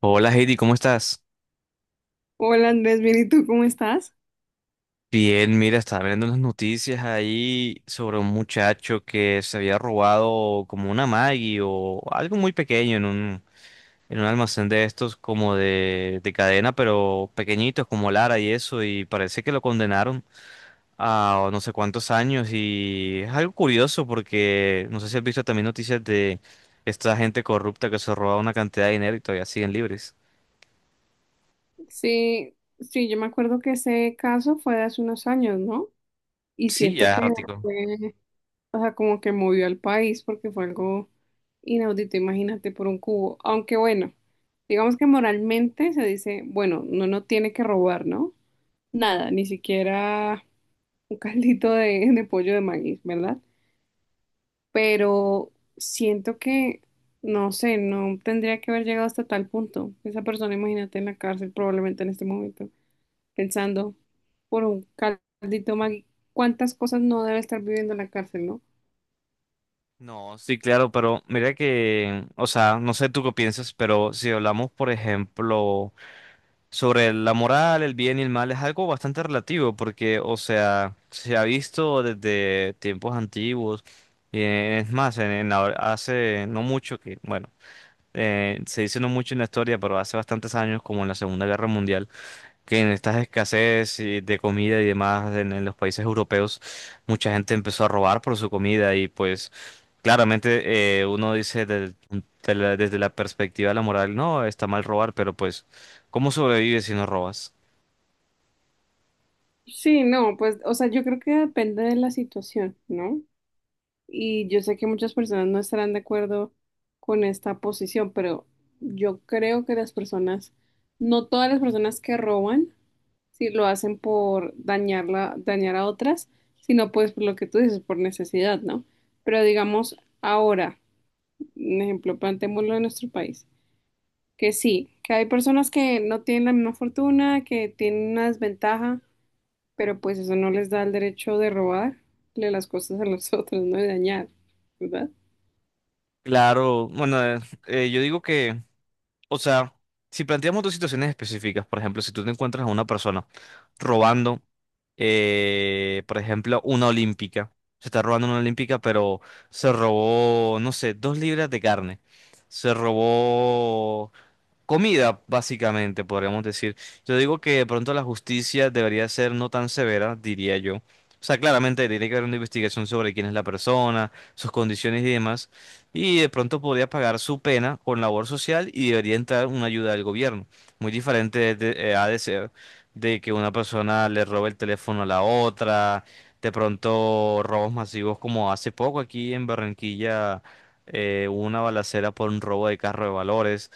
Hola Heidi, ¿cómo estás? Hola Andrés, bien, ¿y tú cómo estás? Bien, mira, estaba viendo unas noticias ahí sobre un muchacho que se había robado como una Maggie o algo muy pequeño en un almacén de estos como de cadena, pero pequeñitos como Lara y eso, y parece que lo condenaron a no sé cuántos años, y es algo curioso porque no sé si has visto también noticias de esta gente corrupta que se roba una cantidad de dinero y todavía siguen libres. Sí, sí, yo me acuerdo que ese caso fue de hace unos años, ¿no? Y Sí, siento ya es que ratico. fue, o sea, como que movió al país porque fue algo inaudito, imagínate, por un cubo. Aunque bueno, digamos que moralmente se dice, bueno, no, tiene que robar, ¿no? Nada, ni siquiera un caldito de pollo de maíz, ¿verdad? Pero siento que, no sé, no tendría que haber llegado hasta tal punto. Esa persona, imagínate, en la cárcel probablemente en este momento, pensando por un caldito Maggi, cuántas cosas no debe estar viviendo en la cárcel, ¿no? No, sí, claro, pero mira que, o sea, no sé tú qué piensas, pero si hablamos, por ejemplo, sobre la moral, el bien y el mal, es algo bastante relativo, porque, o sea, se ha visto desde tiempos antiguos, y es más, hace no mucho que, bueno, se dice no mucho en la historia, pero hace bastantes años, como en la Segunda Guerra Mundial, que en estas escasez y de comida y demás en los países europeos, mucha gente empezó a robar por su comida, y pues claramente uno dice desde la perspectiva de la moral, no, está mal robar, pero pues, ¿cómo sobrevives si no robas? Sí, no, pues, o sea, yo creo que depende de la situación, ¿no? Y yo sé que muchas personas no estarán de acuerdo con esta posición, pero yo creo que las personas, no todas las personas que roban, si lo hacen por dañarla, dañar a otras, sino pues por lo que tú dices, por necesidad, ¿no? Pero digamos ahora, un ejemplo, planteémoslo en nuestro país, que sí, que hay personas que no tienen la misma fortuna, que tienen una desventaja, pero pues eso no les da el derecho de robarle las cosas a los otros, ¿no? De dañar, ¿verdad? Claro, bueno, yo digo que, o sea, si planteamos dos situaciones específicas, por ejemplo, si tú te encuentras a una persona robando, por ejemplo, una olímpica, se está robando una olímpica, pero se robó, no sé, dos libras de carne, se robó comida, básicamente, podríamos decir. Yo digo que de pronto la justicia debería ser no tan severa, diría yo. O sea, claramente tiene que haber una investigación sobre quién es la persona, sus condiciones y demás. Y de pronto podría pagar su pena con labor social y debería entrar una ayuda del gobierno. Muy diferente ha de ser de que una persona le robe el teléfono a la otra. De pronto, robos masivos como hace poco aquí en Barranquilla, hubo una balacera por un robo de carro de valores.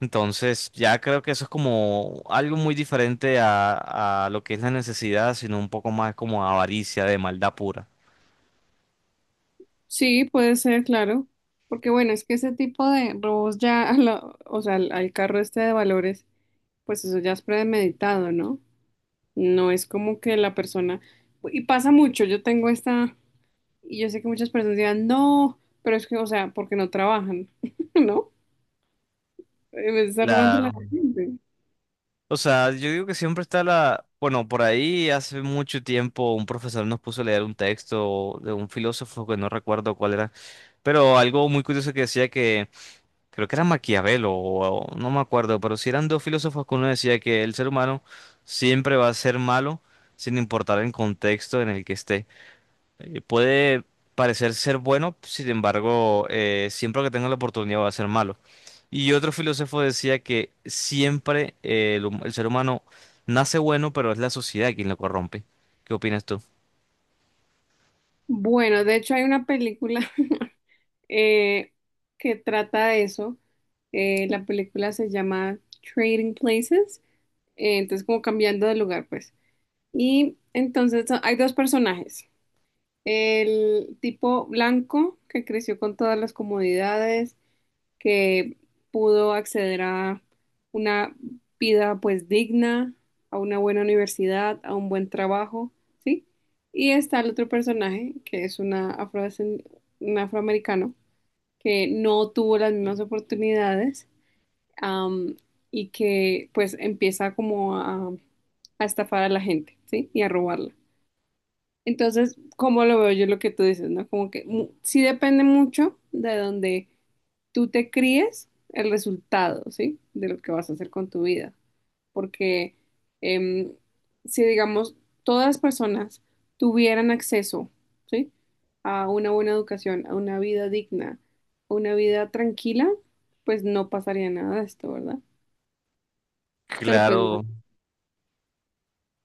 Entonces, ya creo que eso es como algo muy diferente a lo que es la necesidad, sino un poco más como avaricia de maldad pura. Sí, puede ser, claro. Porque bueno, es que ese tipo de robos ya, o sea, al carro este de valores, pues eso ya es premeditado, ¿no? No es como que la persona, y pasa mucho, yo tengo esta, y yo sé que muchas personas dirán, no, pero es que, o sea, porque no trabajan, ¿no? Me está robando la Claro. gente. O sea, yo digo que siempre está la... Bueno, por ahí hace mucho tiempo un profesor nos puso a leer un texto de un filósofo que no recuerdo cuál era, pero algo muy curioso que decía que creo que era Maquiavelo, o no me acuerdo, pero si eran dos filósofos que uno decía que el ser humano siempre va a ser malo sin importar el contexto en el que esté. Puede parecer ser bueno, sin embargo, siempre que tenga la oportunidad va a ser malo. Y otro filósofo decía que siempre el ser humano nace bueno, pero es la sociedad quien lo corrompe. ¿Qué opinas tú? Bueno, de hecho hay una película eh, que trata de eso. La película se llama Trading Places, entonces como cambiando de lugar, pues. Y entonces hay dos personajes. El tipo blanco que creció con todas las comodidades, que pudo acceder a una vida pues digna, a una buena universidad, a un buen trabajo, ¿sí? Y está el otro personaje, que es un afroamericano, que no tuvo las mismas oportunidades, am, y que pues empieza como a estafar a la gente, ¿sí? Y a robarla. Entonces, ¿cómo lo veo yo lo que tú dices, ¿no? Como que sí depende mucho de dónde tú te críes el resultado, ¿sí? De lo que vas a hacer con tu vida. Porque em, si, digamos, todas las personas tuvieran acceso, ¿sí? A una buena educación, a una vida digna, a una vida tranquila, pues no pasaría nada de esto, ¿verdad? Pero pues no. Claro,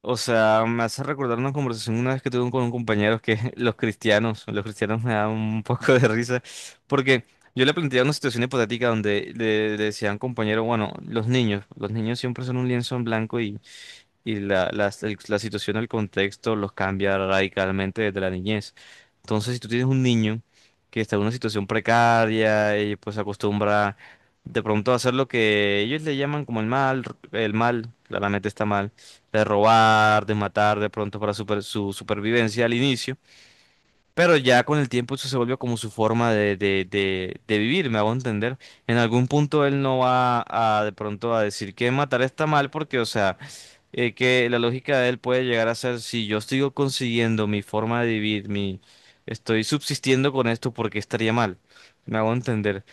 o sea, me hace recordar una conversación una vez que tuve con un compañero que los cristianos me dan un poco de risa, porque yo le planteaba una situación hipotética donde le decía a un compañero, bueno, los niños siempre son un lienzo en blanco y la situación, el contexto los cambia radicalmente desde la niñez. Entonces, si tú tienes un niño que está en una situación precaria y pues se acostumbra de pronto a hacer lo que ellos le llaman como el mal, claramente está mal, de robar, de matar de pronto para su supervivencia al inicio, pero ya con el tiempo eso se volvió como su forma de vivir, me hago entender. En algún punto él no va a de pronto a decir que matar está mal porque, o sea, que la lógica de él puede llegar a ser, si yo sigo consiguiendo mi forma de vivir, mi, estoy subsistiendo con esto, ¿porque estaría mal? Me hago entender.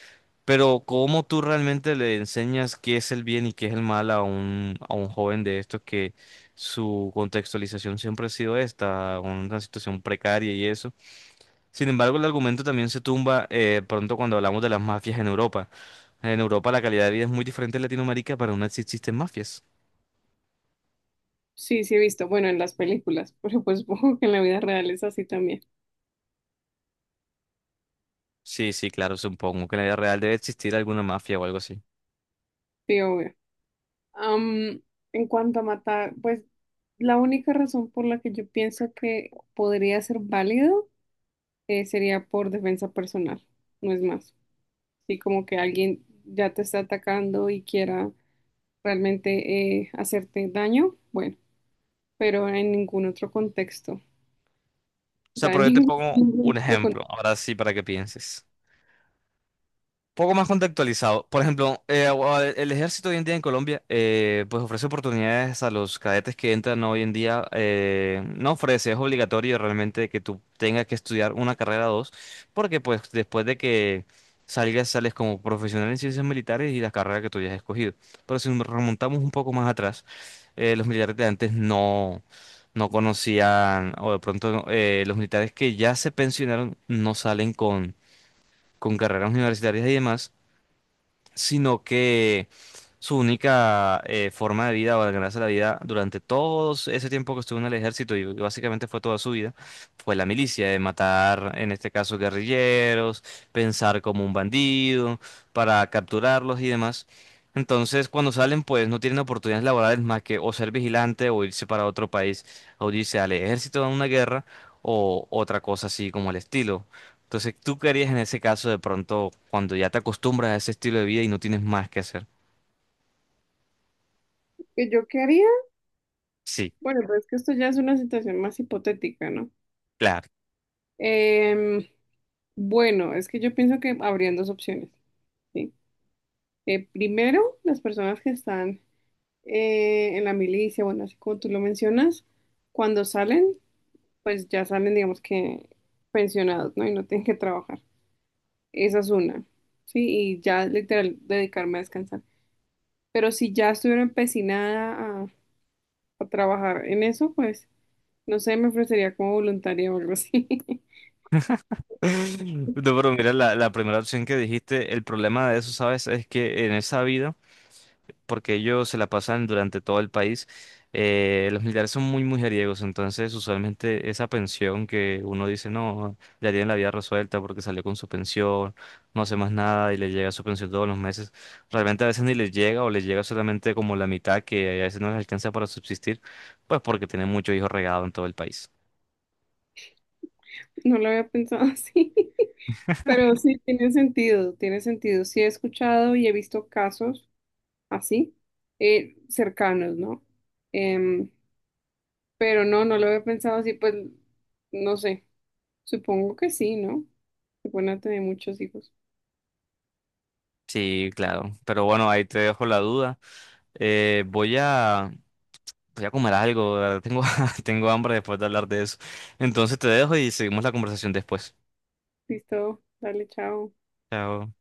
Pero ¿cómo tú realmente le enseñas qué es el bien y qué es el mal a a un joven de estos que su contextualización siempre ha sido esta, una situación precaria y eso? Sin embargo, el argumento también se tumba pronto cuando hablamos de las mafias en Europa. En Europa la calidad de vida es muy diferente en Latinoamérica, pero aún así existen mafias. Sí, sí he visto, bueno, en las películas, pero pues supongo que en la vida real es así también. Sí, sí, claro, supongo que en la vida real debe existir alguna mafia o algo así. O Sí, obvio. Am, en cuanto a matar, pues la única razón por la que yo pienso que podría ser válido sería por defensa personal, no es más. Sí, como que alguien ya te está atacando y quiera realmente hacerte daño, bueno, pero en ningún otro contexto. O sea, sea, pero en yo te ningún, pongo un ningún otro ejemplo, contexto. ahora sí, para que pienses. Poco más contextualizado. Por ejemplo, el ejército hoy en día en Colombia, pues ofrece oportunidades a los cadetes que entran hoy en día. No ofrece, es obligatorio realmente que tú tengas que estudiar una carrera o dos, porque pues después de que salgas, sales como profesional en ciencias militares y la carrera que tú hayas escogido. Pero si nos remontamos un poco más atrás, los militares de antes no... No conocían, o de pronto los militares que ya se pensionaron no salen con carreras universitarias y demás, sino que su única forma de vida o de ganarse la vida durante todo ese tiempo que estuvo en el ejército y básicamente fue toda su vida, fue la milicia, de matar, en este caso, guerrilleros, pensar como un bandido, para capturarlos y demás. Entonces, cuando salen, pues no tienen oportunidades laborales más que o ser vigilante, o irse para otro país, o irse al ejército a una guerra, o otra cosa así como el estilo. Entonces, ¿tú qué harías en ese caso de pronto cuando ya te acostumbras a ese estilo de vida y no tienes más que hacer? ¿Que yo qué haría? Sí, Bueno, pero es que esto ya es una situación más hipotética, ¿no? claro. Em, bueno, es que yo pienso que habrían dos opciones. ¿Sí? Primero, las personas que están en la milicia, bueno, así como tú lo mencionas, cuando salen, pues ya salen, digamos que pensionados, ¿no? Y no tienen que trabajar. Esa es una, ¿sí? Y ya literal dedicarme a descansar. Pero si ya estuviera empecinada a trabajar en eso, pues no sé, me ofrecería como voluntaria o algo así. No, pero mira, la primera opción que dijiste, el problema de eso, ¿sabes? Es que en esa vida... porque ellos se la pasan durante todo el país. Los militares son muy mujeriegos, entonces usualmente esa pensión que uno dice, no, ya tiene la vida resuelta porque salió con su pensión, no hace más nada y le llega su pensión todos los meses, realmente a veces ni les llega o les llega solamente como la mitad, que a veces no les alcanza para subsistir, pues porque tienen muchos hijos regados en todo el país. No lo había pensado así, pero sí tiene sentido, tiene sentido. Sí he escuchado y he visto casos así, cercanos, ¿no? Em, pero no, no lo había pensado así, pues, no sé, supongo que sí, ¿no? Se pueden a tener muchos hijos. Sí, claro, pero bueno, ahí te dejo la duda. Eh, voy a Voy a comer algo, la verdad, tengo, tengo hambre después de hablar de eso. Entonces te dejo y seguimos la conversación después. Listo, dale, chao. Chao.